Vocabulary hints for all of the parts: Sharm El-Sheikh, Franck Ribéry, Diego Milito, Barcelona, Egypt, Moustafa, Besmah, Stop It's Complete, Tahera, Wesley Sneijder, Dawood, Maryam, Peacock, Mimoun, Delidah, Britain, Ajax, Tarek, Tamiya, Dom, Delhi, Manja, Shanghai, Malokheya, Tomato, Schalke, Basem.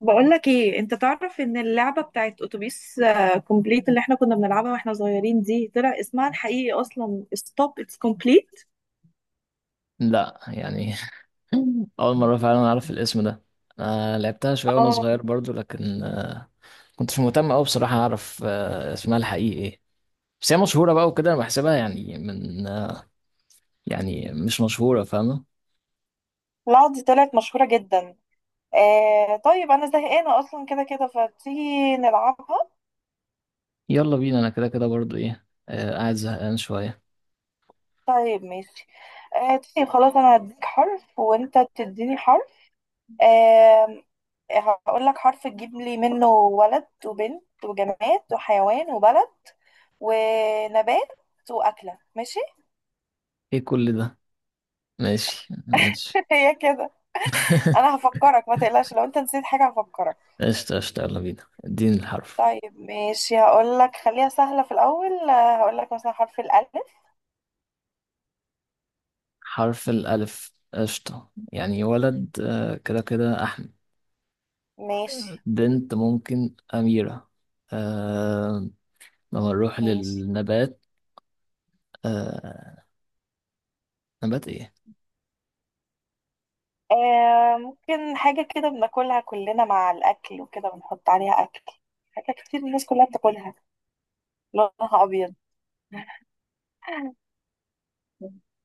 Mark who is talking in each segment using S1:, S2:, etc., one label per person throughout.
S1: بقول لك ايه؟ انت تعرف ان اللعبه بتاعت اتوبيس كومبليت اللي احنا كنا بنلعبها واحنا صغيرين دي طلع اسمها الحقيقي اصلا ستوب اتس كومبليت.
S2: لا، يعني. اول مره فعلا اعرف الاسم ده. انا لعبتها شويه وانا
S1: اه.
S2: صغير برضو لكن كنتش مهتم قوي بصراحه اعرف اسمها الحقيقي ايه. بس هي مشهوره بقى وكده انا بحسبها يعني من يعني مش مشهوره، فاهمه.
S1: لا، دي طلعت مشهورة جدا. آه طيب، انا زهقانة اصلا كده كده، فتيجي نلعبها.
S2: يلا بينا، انا كده كده برضو ايه، قاعد زهقان شويه.
S1: طيب ماشي. آه طيب خلاص، انا هديك حرف وانت تديني حرف. آه. هقول لك حرف تجيب لي منه ولد وبنت وجماد وحيوان وبلد ونبات واكلة، ماشي.
S2: ايه كل ده؟ ماشي ماشي.
S1: هي كده. انا هفكرك، ما تقلقش، لو انت نسيت حاجة هفكرك.
S2: قشطة قشطة، يلا بينا، اديني الحرف.
S1: طيب ماشي، هقول لك خليها سهلة في الاول، هقول لك مثلا حرف الالف.
S2: حرف الألف، قشطة. يعني ولد كده كده.
S1: ماشي
S2: بنت ممكن أميرة. آه. لما نروح
S1: ماشي.
S2: للنبات. آه. نبات إيه؟
S1: آه ممكن حاجة كده بناكلها كلنا مع الاكل وكده بنحط عليها اكل، حاجة كتير الناس كلها بتاكلها، لونها ابيض.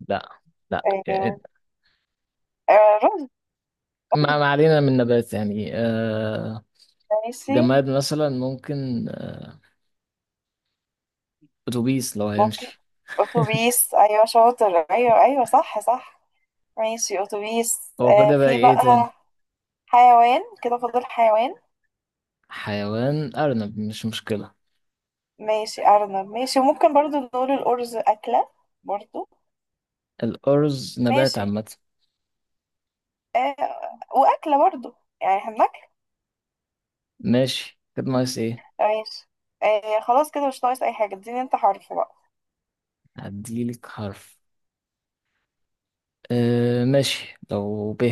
S2: لا. لا، إيه،
S1: آه. آه رز.
S2: ما
S1: رز.
S2: ما علينا من نبات، يعني آه.
S1: ماشي.
S2: جماد مثلا ممكن آه، أتوبيس لو
S1: ممكن.
S2: هيمشي.
S1: اتوبيس، ايوه شاطر، ايوه ايوه صح صح. ماشي اتوبيس،
S2: هو
S1: آه
S2: كده بقى،
S1: في
S2: إيه تاني؟
S1: بقى. حيوان كده فاضل حيوان.
S2: حيوان أرنب مش مشكلة.
S1: ماشي أرنب، ماشي. وممكن برضو نقول الأرز أكلة برضو.
S2: الأرز نبات
S1: ماشي.
S2: عامة.
S1: آه. وأكلة برضو، يعني احنا بناكل.
S2: ماشي، كده ناقص إيه؟
S1: ماشي. آه خلاص كده مش ناقص أي حاجة، اديني انت حرف بقى.
S2: هديلك حرف. آه ماشي، لو ب.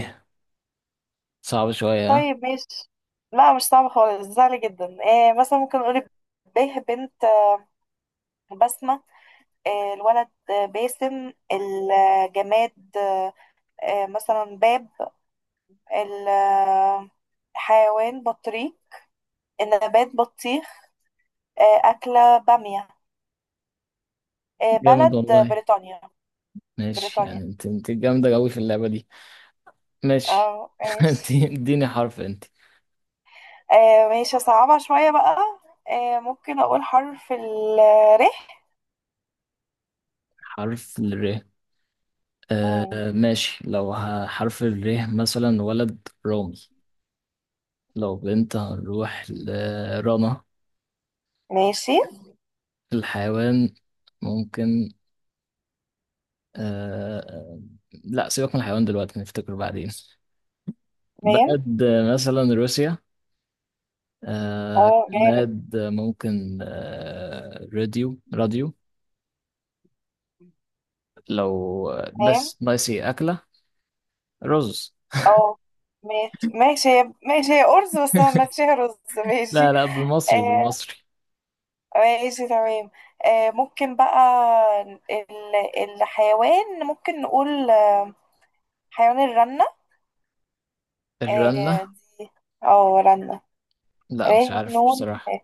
S2: صعب شوية، ها؟
S1: طيب ماشي، لا مش صعب خالص، سهل جدا. آه مثلا ممكن نقول به بنت، بسمة. آه الولد، باسم. الجماد آه، مثلا باب. الحيوان بطريق. النبات بطيخ. آه أكلة بامية.
S2: جامد
S1: بلد
S2: والله.
S1: بريطانيا.
S2: ماشي، يعني
S1: بريطانيا.
S2: انت جامدة قوي في اللعبة دي. ماشي.
S1: اه ماشي.
S2: انت اديني حرف انت.
S1: ماشي صعبة شوية بقى. ممكن أقول حرف ال ر.
S2: حرف الر.
S1: مم،
S2: آه ماشي، لو حرف الر، مثلا ولد رامي. لو بنت هنروح لرنا.
S1: ماشي
S2: الحيوان ممكن آه. لا، سيبك من الحيوان دلوقتي، نفتكر بعدين.
S1: ميم.
S2: بلد مثلا روسيا. آه،
S1: اه جامد.
S2: بلد ممكن راديو راديو. لو
S1: ميم.
S2: بس ناقص ايه، أكلة. رز.
S1: اه ماشي هي أرز، بس أنا ماشي هي رز ماشي.
S2: لا لا، بالمصري
S1: آه،
S2: بالمصري.
S1: ماشي تمام. ممكن بقى، ال- الحيوان ممكن نقول حيوان الرنة.
S2: الرنة.
S1: اه. رنة. ر
S2: لا، مش عارف
S1: نون.
S2: بصراحة.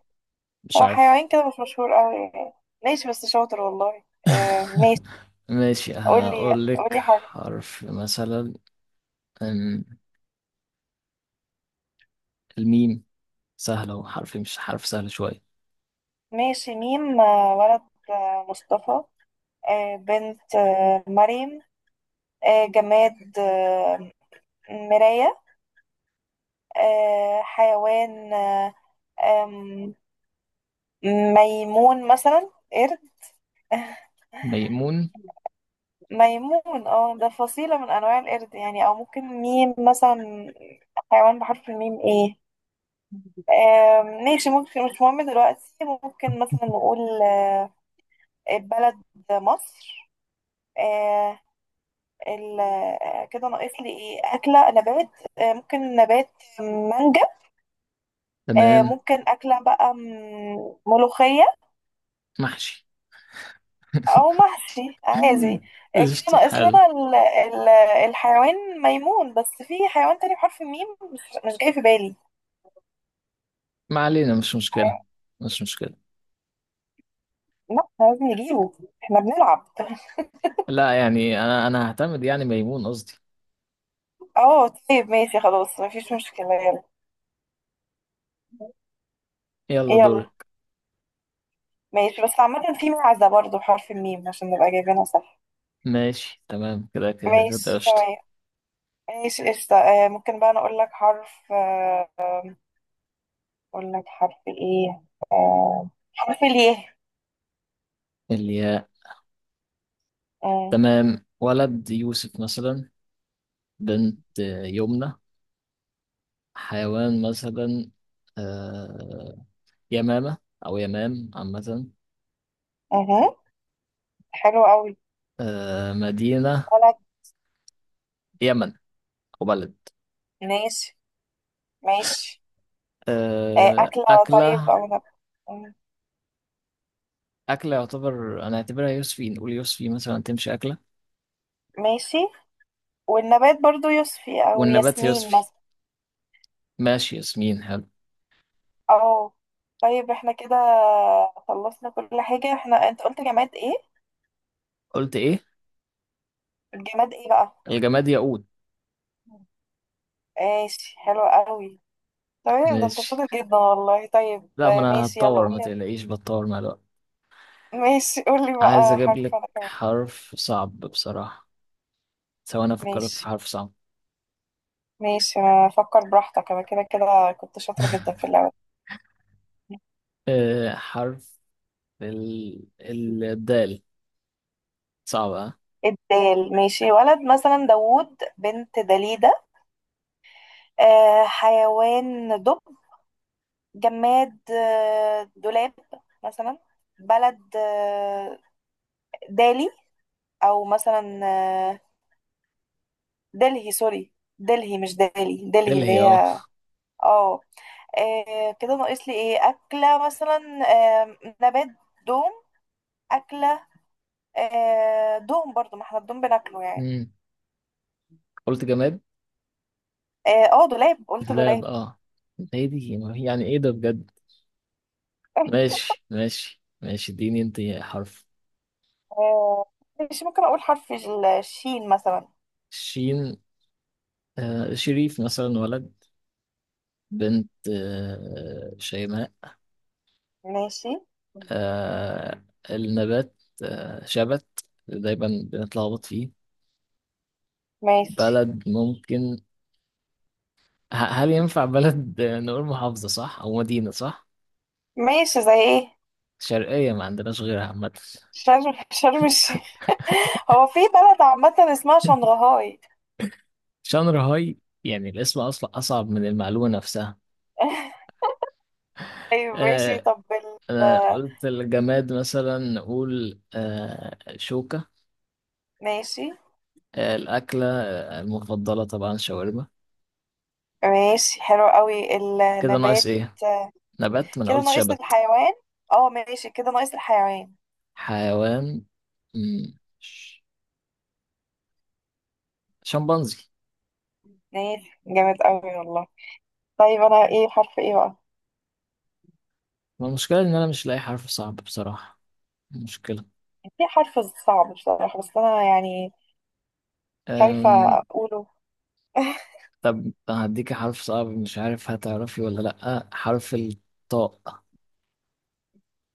S2: مش
S1: هو
S2: عارف.
S1: حيوان كده مش مشهور قوي يعني. ماشي بس شاطر والله، آه ماشي.
S2: ماشي،
S1: قولي
S2: هقول لك
S1: قولي حرف.
S2: حرف مثلا. أم، الميم. سهلة، وحرف مش حرف سهل شوية.
S1: ماشي ميم، ولد، مصطفى. آه بنت آه مريم. آه جماد آه مراية. آه حيوان آه، آم، ميمون مثلا قرد.
S2: ميمون.
S1: ميمون. اه ده فصيلة من أنواع القرد يعني. أو ممكن ميم مثلا، حيوان بحرف الميم ايه؟ ماشي ممكن، مش مهم دلوقتي. ممكن مثلا نقول بلد مصر. آه، كده ناقص لي ايه؟ اكله، نبات. ممكن نبات مانجا.
S2: تمام.
S1: ممكن اكله بقى ملوخيه.
S2: محشي.
S1: او محشي عادي. كده
S2: قشطة،
S1: ناقص
S2: حلو.
S1: لنا الحيوان ميمون بس في حيوان تاني بحرف الميم مش جاي في بالي.
S2: ما علينا، مش مشكلة. مش مشكلة.
S1: لا احنا لازم نجيبه، احنا بنلعب.
S2: لا، يعني أنا هعتمد يعني ميمون، قصدي.
S1: اه طيب ماشي خلاص، مفيش مشكله، يلا.
S2: يلا
S1: يلا.
S2: دورك.
S1: ماشي، بس عامة في معزة برضه بحرف الميم عشان نبقى جايبينها صح.
S2: ماشي تمام، كده كده كده
S1: ماشي
S2: قشطة.
S1: تمام. ماشي قشطة، ممكن بقى أنا أقول لك حرف، أقول لك حرف إيه؟ حرف الياء.
S2: الياء.
S1: مم.
S2: تمام، ولد يوسف مثلا. بنت يمنى. حيوان مثلا آه، يمامة، أو يمام عامة.
S1: مهم. حلو أوي.
S2: مدينة
S1: بلد.
S2: يمن، أو بلد.
S1: ماشي ماشي. أكلة. طيب
S2: أكلة.
S1: أو نب... مم.
S2: أكلة، يعتبر أنا أعتبرها يوسفي، نقول يوسفي مثلا تمشي أكلة.
S1: ماشي. والنبات برضه يوسفي أو
S2: والنبات
S1: ياسمين
S2: يوسفي.
S1: مثلا.
S2: ماشي، ياسمين حلو.
S1: أو طيب، احنا كده خلصنا كل حاجة. احنا أنت قلت جماد إيه؟
S2: قلت إيه؟
S1: الجماد إيه بقى؟
S2: الجماد ياقوت.
S1: ماشي حلو قوي. تمام، ده انت
S2: ماشي.
S1: شاطر جدا والله. طيب
S2: لا، ما أنا
S1: ماشي، يلا
S2: هتطور، ما
S1: قولي.
S2: تقلقيش، بتطور مع الوقت.
S1: ماشي، قولي
S2: عايز
S1: بقى
S2: أجيب
S1: حرف
S2: لك
S1: انا كمان.
S2: حرف صعب بصراحة. سواء أنا أفكر لك في
S1: ماشي
S2: حرف صعب.
S1: ماشي، ما فكر براحتك، انا كده كده كنت شاطرة جدا في اللعبة دي.
S2: أه، حرف الدال. صعبة، ها؟
S1: الدال ماشي. ولد مثلا داوود. بنت دليدة. آه حيوان دب. جماد آه دولاب مثلا. بلد آه دالي. او مثلا آه دلهي، سوري دلهي مش دالي، دلهي
S2: اللي
S1: اللي
S2: هي،
S1: هي.
S2: اه.
S1: اه. آه كده ناقص لي ايه؟ اكله مثلا. آه نبات دوم. اكله آه دوم برضو، ما احنا الدوم بناكله يعني.
S2: مم. قلت جماد
S1: اه، دولاب، قلت
S2: دولاب،
S1: دولاب.
S2: اه. هي دي، ما هي- يعني ايه ده بجد. ماشي ماشي ماشي، اديني انت حرف.
S1: آه ماشي، ممكن اقول حرف الشين مثلا.
S2: شين. آه، شريف مثلا ولد. بنت شيماء.
S1: ماشي
S2: آه، النبات شبت. دايما بنتلخبط فيه.
S1: ماشي.
S2: بلد ممكن، هل ينفع بلد نقول محافظة صح أو مدينة صح؟
S1: ماشي زي ايه؟
S2: شرقية، ما عندناش غيرها عامة.
S1: شرم شرم الشيخ. هو في بلد عامة اسمها شنغهاي.
S2: شانغهاي. يعني الاسم اصلا اصعب من المعلومه نفسها.
S1: طيب ماشي
S2: آه،
S1: طب ال.
S2: انا قلت الجماد مثلا نقول شوكه.
S1: ماشي
S2: آه، الاكله المفضله طبعا شاورما.
S1: ماشي حلو قوي.
S2: كده ناقص
S1: النبات
S2: ايه. نبات، ما انا
S1: كده
S2: قلت
S1: ناقص
S2: شبت.
S1: الحيوان. اه ماشي كده ناقص الحيوان.
S2: حيوان مم، ش- شمبانزي.
S1: ماشي جامد قوي والله. طيب انا ايه؟ حرف ايه بقى؟
S2: ما المشكله ان انا مش لاقي حرف صعب بصراحه. مشكله.
S1: في حرف صعب بصراحة، بس انا يعني خايفة
S2: أم...
S1: اقوله.
S2: طب هديك حرف صعب، مش عارف هتعرفي ولا لا، حرف الطاء.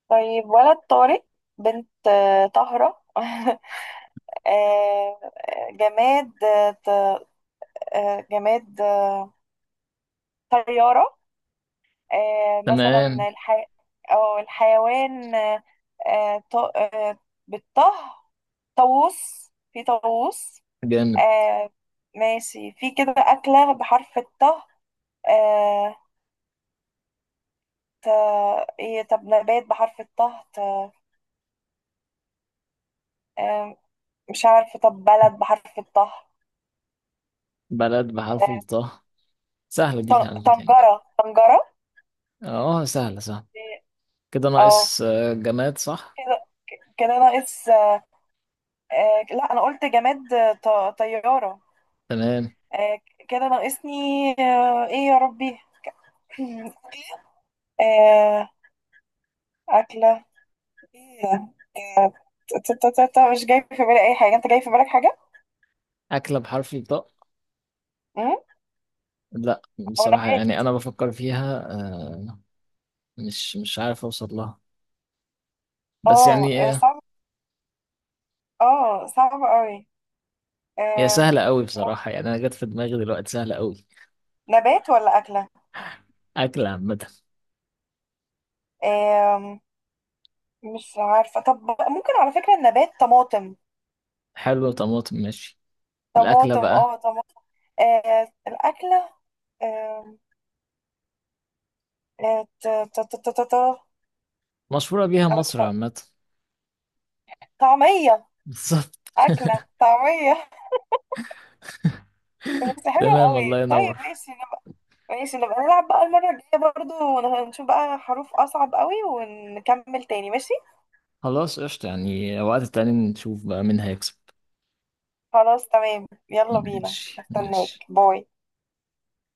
S1: طيب ولد طارق. بنت طاهرة. آه، جماد آه، ط- جماد طيارة.
S2: تمام.
S1: مثلا الحي... أو الحيوان آه، ط- آه، بالطه. طاووس، في طاووس.
S2: جامد.
S1: آه ماشي، في كده أكلة بحرف الطه؟ آه ت... إيه؟ طب نبات بحرف الطه؟ ت... آه مش عارفة. طب بلد بحرف الطه؟
S2: بلد بحرف
S1: آه
S2: الطاء. سهلة، دي سهلة يعني.
S1: طنجرة طنجرة.
S2: اه، سهلة سهلة. كده
S1: اه
S2: ناقص جماد صح.
S1: كده، ناقص لا، أنا قلت جماد طيارة.
S2: تمام.
S1: آه كده ناقصني، آه إيه يا ربي! آه أكلة إيه ده؟ مش جاي في بالي أي حاجة. أنت جاي في بالك حاجة؟
S2: أكلة بحرف الطاء.
S1: أمم؟
S2: لا.
S1: أو
S2: بصراحة، يعني
S1: نبات.
S2: أنا بفكر فيها مش عارف أوصل لها. بس
S1: اه
S2: يعني
S1: صعب، اه صعب قوي.
S2: هي
S1: آم،
S2: سهلة أوي بصراحة، يعني أنا جت في دماغي دلوقتي سهلة أوي.
S1: نبات ولا أكلة؟
S2: أكلة عامة.
S1: آم، مش عارفة. طب ممكن على فكرة النبات طماطم.
S2: حلو، طماطم ماشي. الأكلة
S1: طماطم،
S2: بقى.
S1: اه طماطم. الأكلة آم، آه، ت- ت- ت- ت- ت- ت-
S2: مشهورة بيها
S1: أنا كنت
S2: مصر عامة.
S1: طعمية.
S2: بالظبط.
S1: أكلة طعمية. بس حلوة
S2: تمام،
S1: قوي.
S2: الله
S1: طيب
S2: ينور.
S1: ماشي نبقى، ماشي نبقى نلعب بقى المرة الجاية برضو، نشوف بقى حروف أصعب قوي ونكمل تاني، ماشي.
S2: خلاص قشطة، يعني وقت تاني نشوف بقى مين هيكسب.
S1: خلاص تمام، يلا بينا،
S2: ماشي
S1: استناك،
S2: ماشي.
S1: باي.